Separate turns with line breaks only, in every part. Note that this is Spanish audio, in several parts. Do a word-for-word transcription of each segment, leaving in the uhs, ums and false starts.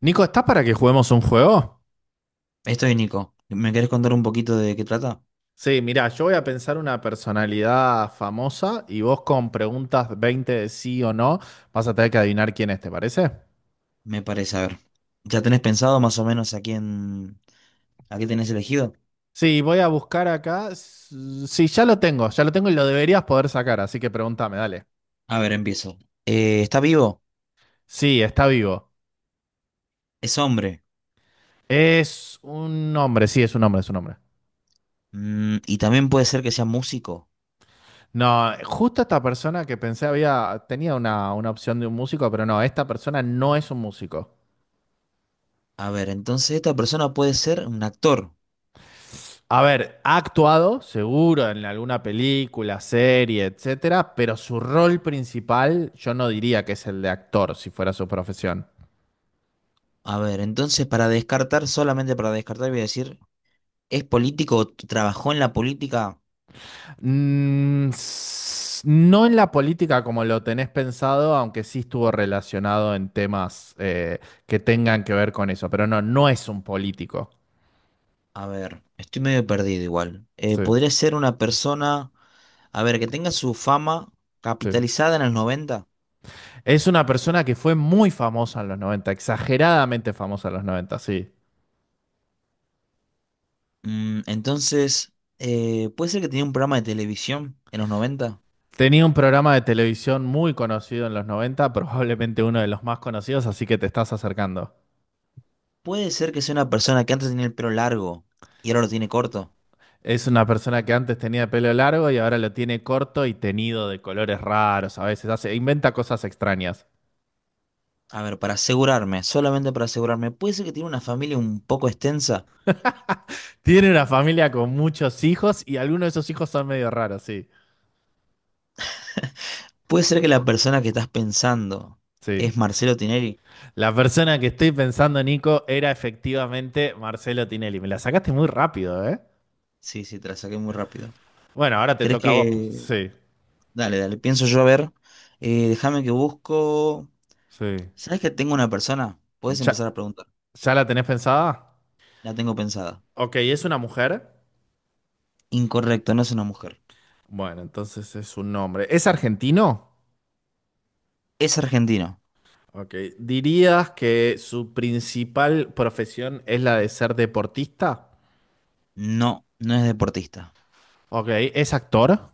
Nico, ¿estás para que juguemos un juego?
Estoy Nico. ¿Me querés contar un poquito de qué trata?
Sí, mirá, yo voy a pensar una personalidad famosa y vos con preguntas veinte de sí o no vas a tener que adivinar quién es, ¿te parece?
Me parece, a ver. ¿Ya tenés pensado más o menos a quién, a qué tenés elegido?
Sí, voy a buscar acá. S- Sí, ya lo tengo, ya lo tengo y lo deberías poder sacar, así que pregúntame, dale.
A ver, empiezo. Eh, ¿está vivo?
Sí, está vivo.
Es hombre.
Es un hombre, sí, es un hombre, es un hombre.
Mm, y también puede ser que sea músico.
No, justo esta persona que pensé había, tenía una, una opción de un músico, pero no, esta persona no es un músico.
A ver, entonces esta persona puede ser un actor.
A ver, ha actuado, seguro, en alguna película, serie, etcétera, pero su rol principal yo no diría que es el de actor, si fuera su profesión.
A ver, entonces para descartar, solamente para descartar, voy a decir, ¿es político o t- trabajó en la política?
Mm, s- no en la política como lo tenés pensado, aunque sí estuvo relacionado en temas eh, que tengan que ver con eso, pero no, no es un político.
A ver, estoy medio perdido igual. Eh,
Sí,
podría ser una persona, a ver, que tenga su fama
sí.
capitalizada en el noventa.
Es una persona que fue muy famosa en los noventa, exageradamente famosa en los noventa. Sí.
Mm, entonces, eh, puede ser que tenía un programa de televisión en los noventa.
Tenía un programa de televisión muy conocido en los noventa, probablemente uno de los más conocidos, así que te estás acercando.
Puede ser que sea una persona que antes tenía el pelo largo y ahora lo tiene corto.
Es una persona que antes tenía pelo largo y ahora lo tiene corto y tenido de colores raros, a veces hace, inventa cosas extrañas.
A ver, para asegurarme, solamente para asegurarme, puede ser que tiene una familia un poco extensa.
Tiene una familia con muchos hijos y algunos de esos hijos son medio raros, sí.
Puede ser que la persona que estás pensando
Sí.
es Marcelo Tinelli.
La persona que estoy pensando, Nico, era efectivamente Marcelo Tinelli. Me la sacaste muy rápido, ¿eh?
Sí, sí, te la saqué muy rápido.
Bueno, ahora te
¿Crees
toca a vos, pues.
que...?
Sí,
Dale, dale, pienso yo a ver. Eh, déjame que busco...
sí.
¿Sabes que tengo una persona? Puedes
¿Ya,
empezar a preguntar.
ya la tenés pensada?
La tengo pensada.
Ok, ¿es una mujer?
Incorrecto, no es una mujer.
Bueno, entonces es un nombre. ¿Es argentino?
Es argentino.
Ok. ¿Dirías que su principal profesión es la de ser deportista?
No, no es deportista.
Ok. ¿Es actor?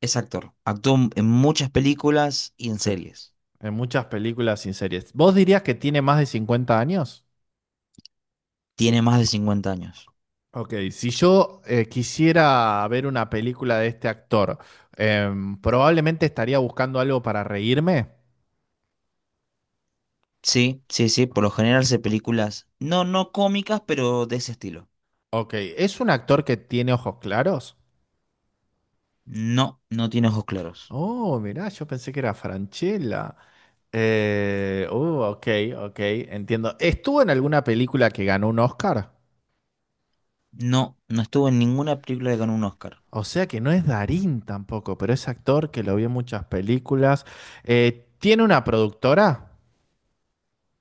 Es actor. Actuó en muchas películas y en
Sí.
series.
En muchas películas y series. ¿Vos dirías que tiene más de cincuenta años?
Tiene más de cincuenta años.
Ok. Si yo eh, quisiera ver una película de este actor, em, probablemente estaría buscando algo para reírme.
Sí, sí, sí. Por lo general hace películas, no, no cómicas, pero de ese estilo.
Ok. ¿Es un actor que tiene ojos claros?
No, no tiene ojos claros.
Oh, mirá, yo pensé que era Franchella. Eh, uh, ok, ok, entiendo. Estuvo en alguna película que ganó un Oscar.
No, no estuvo en ninguna película que ganó un Oscar.
O sea que no es Darín tampoco, pero es actor que lo vi en muchas películas. Eh, ¿tiene una productora?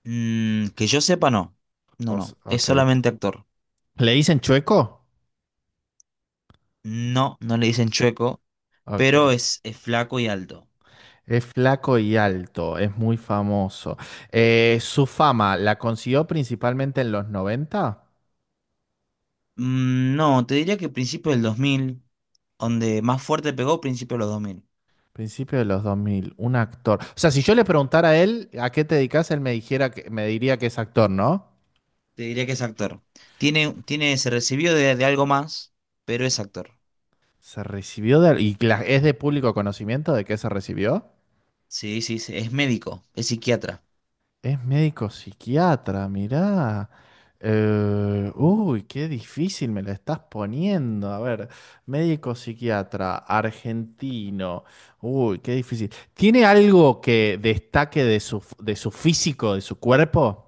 Mm, que yo sepa, no.
O
No,
s-
no. Es
ok.
solamente actor.
¿Le dicen Chueco?
No, no le dicen chueco,
Ok.
pero es, es flaco y alto.
Es flaco y alto, es muy famoso. Eh, ¿su fama la consiguió principalmente en los noventa?
Mm, no, te diría que principio del dos mil, donde más fuerte pegó, principio de los dos mil.
Principio de los dos mil, un actor. O sea, si yo le preguntara a él a qué te dedicas, él me dijera que, me diría que es actor, ¿no?
Te diría que es actor. Tiene, tiene, se recibió de, de algo más, pero es actor.
Se recibió de... ¿Y cla- es de público conocimiento de qué se recibió?
Sí, sí, sí, es médico, es psiquiatra.
Es médico psiquiatra, mirá. Eh, uy, qué difícil me la estás poniendo. A ver, médico psiquiatra, argentino. Uy, qué difícil. ¿Tiene algo que destaque de su, de su físico, de su cuerpo?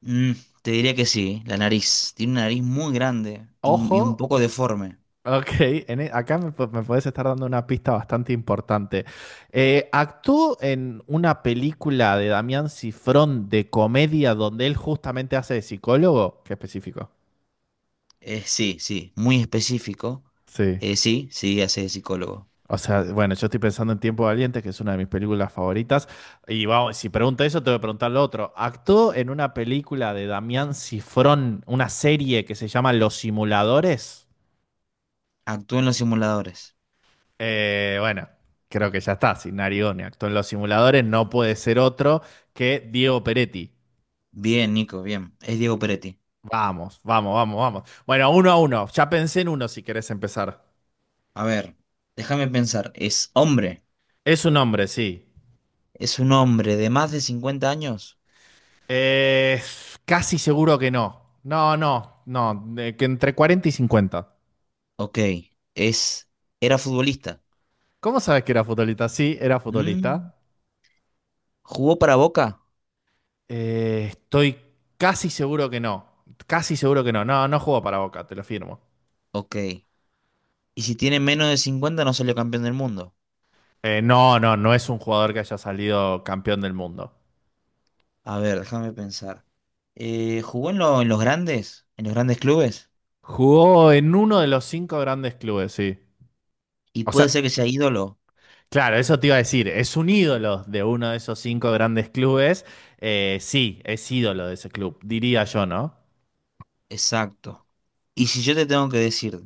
Mm, te diría que sí, la nariz. Tiene una nariz muy grande y,
Ojo.
y un poco deforme.
Ok, en e- acá me, pu- me puedes estar dando una pista bastante importante. Eh, actuó en una película de Damián Cifrón de comedia donde él justamente hace de psicólogo. Qué específico.
Eh, sí, sí, muy específico.
Sí.
Eh, sí, sí, hace de psicólogo.
O sea, bueno, yo estoy pensando en Tiempo Valiente, que es una de mis películas favoritas. Y vamos, si pregunto eso, te voy a preguntar lo otro. Actuó en una película de Damián Cifrón, una serie que se llama Los Simuladores.
Actúa en los simuladores.
Eh, bueno, creo que ya está. Si Narione actuó en los simuladores, no puede ser otro que Diego Peretti.
Bien, Nico, bien. Es Diego Peretti.
Vamos, vamos, vamos, vamos. Bueno, uno a uno. Ya pensé en uno si querés empezar.
A ver, déjame pensar. ¿Es hombre?
Es un hombre, sí.
¿Es un hombre de más de cincuenta años?
Eh, casi seguro que no. No, no, no. Eh, que entre cuarenta y cincuenta.
Ok. Es, era futbolista.
¿Cómo sabes que era futbolista? Sí, era
Mm,
futbolista.
¿Jugó para Boca?
Eh, estoy casi seguro que no. Casi seguro que no. No, no jugó para Boca, te lo firmo.
Ok. ¿Y si tiene menos de cincuenta, no salió campeón del mundo?
Eh, no, no, no es un jugador que haya salido campeón del mundo.
A ver, déjame pensar. Eh, ¿jugó en, lo- en los grandes? ¿En los grandes clubes?
Jugó en uno de los cinco grandes clubes, sí.
Y
O
puede ser
sea,
que sea ídolo.
claro, eso te iba a decir, es un ídolo de uno de esos cinco grandes clubes. Eh, sí, es ídolo de ese club, diría yo, ¿no?
Exacto. Y si yo te tengo que decir,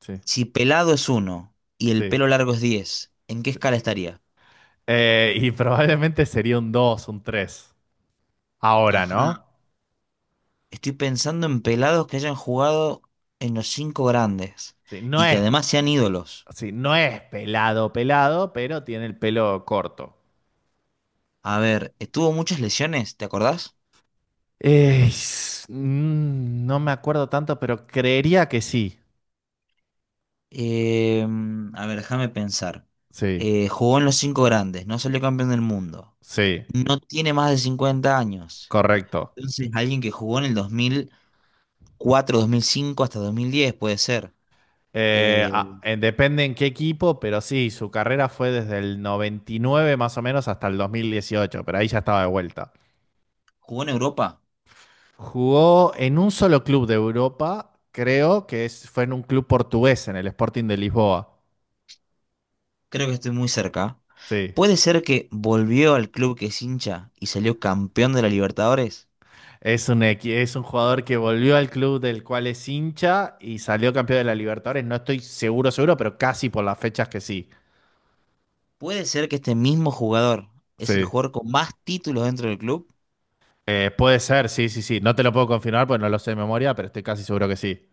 Sí,
si pelado es uno y el
sí.
pelo largo es diez, ¿en qué
Sí.
escala estaría?
Eh, y probablemente sería un dos, un tres. Ahora, ¿no?
Ajá. Estoy pensando en pelados que hayan jugado en los cinco grandes
Sí, no
y que
es,
además sean ídolos.
sí, no es pelado, pelado, pero tiene el pelo corto.
A ver, ¿tuvo muchas lesiones? ¿Te acordás?
Eh, s- mm, no me acuerdo tanto, pero creería que sí.
Eh, a ver, déjame pensar.
Sí,
Eh, jugó en los cinco grandes, no salió campeón del mundo.
sí,
No tiene más de cincuenta años.
correcto.
Entonces, alguien que jugó en el dos dos mil cuatro, dos mil cinco hasta dos mil diez puede ser.
Eh,
Eh,
ah, eh, depende en qué equipo, pero sí, su carrera fue desde el noventa y nueve más o menos hasta el dos mil dieciocho, pero ahí ya estaba de vuelta.
¿jugó en Europa?
Jugó en un solo club de Europa, creo que es- fue en un club portugués, en el Sporting de Lisboa.
Creo que estoy muy cerca.
Sí.
¿Puede ser que volvió al club que es hincha y salió campeón de la Libertadores?
Es un, equi- es un jugador que volvió al club del cual es hincha y salió campeón de la Libertadores. No estoy seguro, seguro, pero casi por las fechas que sí.
¿Puede ser que este mismo jugador es el
Sí.
jugador con más títulos dentro del club?
Eh, puede ser, sí, sí, sí. No te lo puedo confirmar porque no lo sé de memoria, pero estoy casi seguro que sí.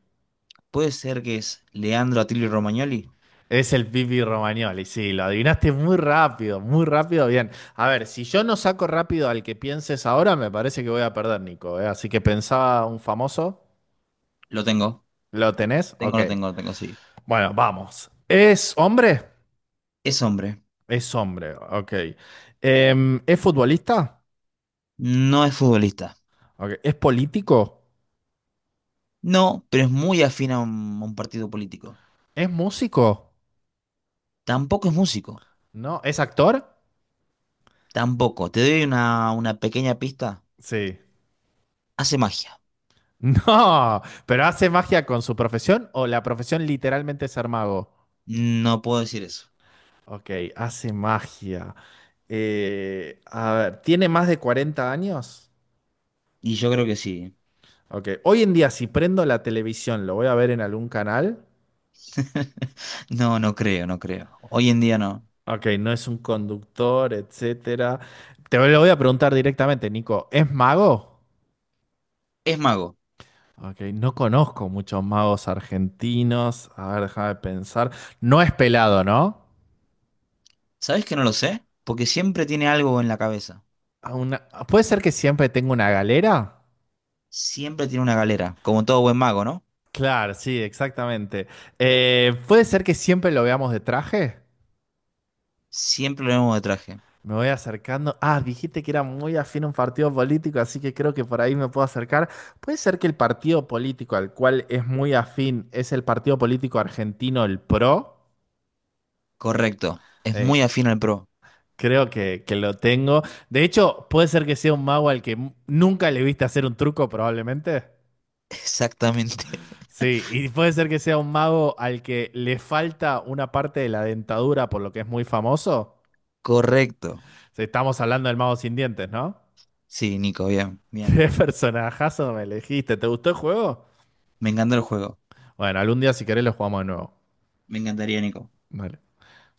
¿Puede ser que es Leandro Atilio Romagnoli?
Es el Pipi Romagnoli, sí, lo adivinaste muy rápido, muy rápido, bien. A ver, si yo no saco rápido al que pienses ahora, me parece que voy a perder, Nico, ¿eh? Así que pensaba un famoso,
Lo tengo.
¿lo tenés?
Tengo,
Ok.
lo tengo, lo tengo, sí.
Bueno, vamos. ¿Es hombre?
Es hombre.
Es hombre, ok. Em, ¿es futbolista?
No es futbolista.
Ok. ¿Es político?
No, pero es muy afín a un, a un partido político.
¿Es músico?
Tampoco es músico.
¿No? ¿Es actor?
Tampoco. Te doy una, una pequeña pista.
Sí.
Hace magia.
No, pero ¿hace magia con su profesión o la profesión literalmente es ser mago?
No puedo decir eso.
Ok, hace magia. Eh, a ver, ¿tiene más de cuarenta años?
Y yo creo que sí.
Ok, hoy en día si prendo la televisión, ¿lo voy a ver en algún canal?
No, no creo, no creo. Hoy en día no.
Ok, no es un conductor, etcétera. Te lo voy a preguntar directamente, Nico, ¿es mago?
Es mago.
Ok, no conozco muchos magos argentinos. A ver, déjame pensar. No es pelado, ¿no?
¿Sabes que no lo sé? Porque siempre tiene algo en la cabeza.
A una- ¿Puede ser que siempre tenga una galera?
Siempre tiene una galera, como todo buen mago, ¿no?
Claro, sí, exactamente. Eh, ¿puede ser que siempre lo veamos de traje?
Siempre lo vemos de traje.
Me voy acercando. Ah, dijiste que era muy afín a un partido político, así que creo que por ahí me puedo acercar. ¿Puede ser que el partido político al cual es muy afín es el partido político argentino, el PRO?
Correcto. Es
Eh,
muy afín al pro.
creo que, que lo tengo. De hecho, puede ser que sea un mago al que m- nunca le viste hacer un truco, probablemente.
Exactamente.
Sí, y puede ser que sea un mago al que le falta una parte de la dentadura, por lo que es muy famoso.
Correcto.
Sí, estamos hablando del mago sin dientes, ¿no?
Sí, Nico, bien, bien.
¿Qué personajazo me elegiste? ¿Te gustó el juego?
Me encantó el juego.
Bueno, algún día si querés lo jugamos de nuevo.
Me encantaría, Nico.
Dale.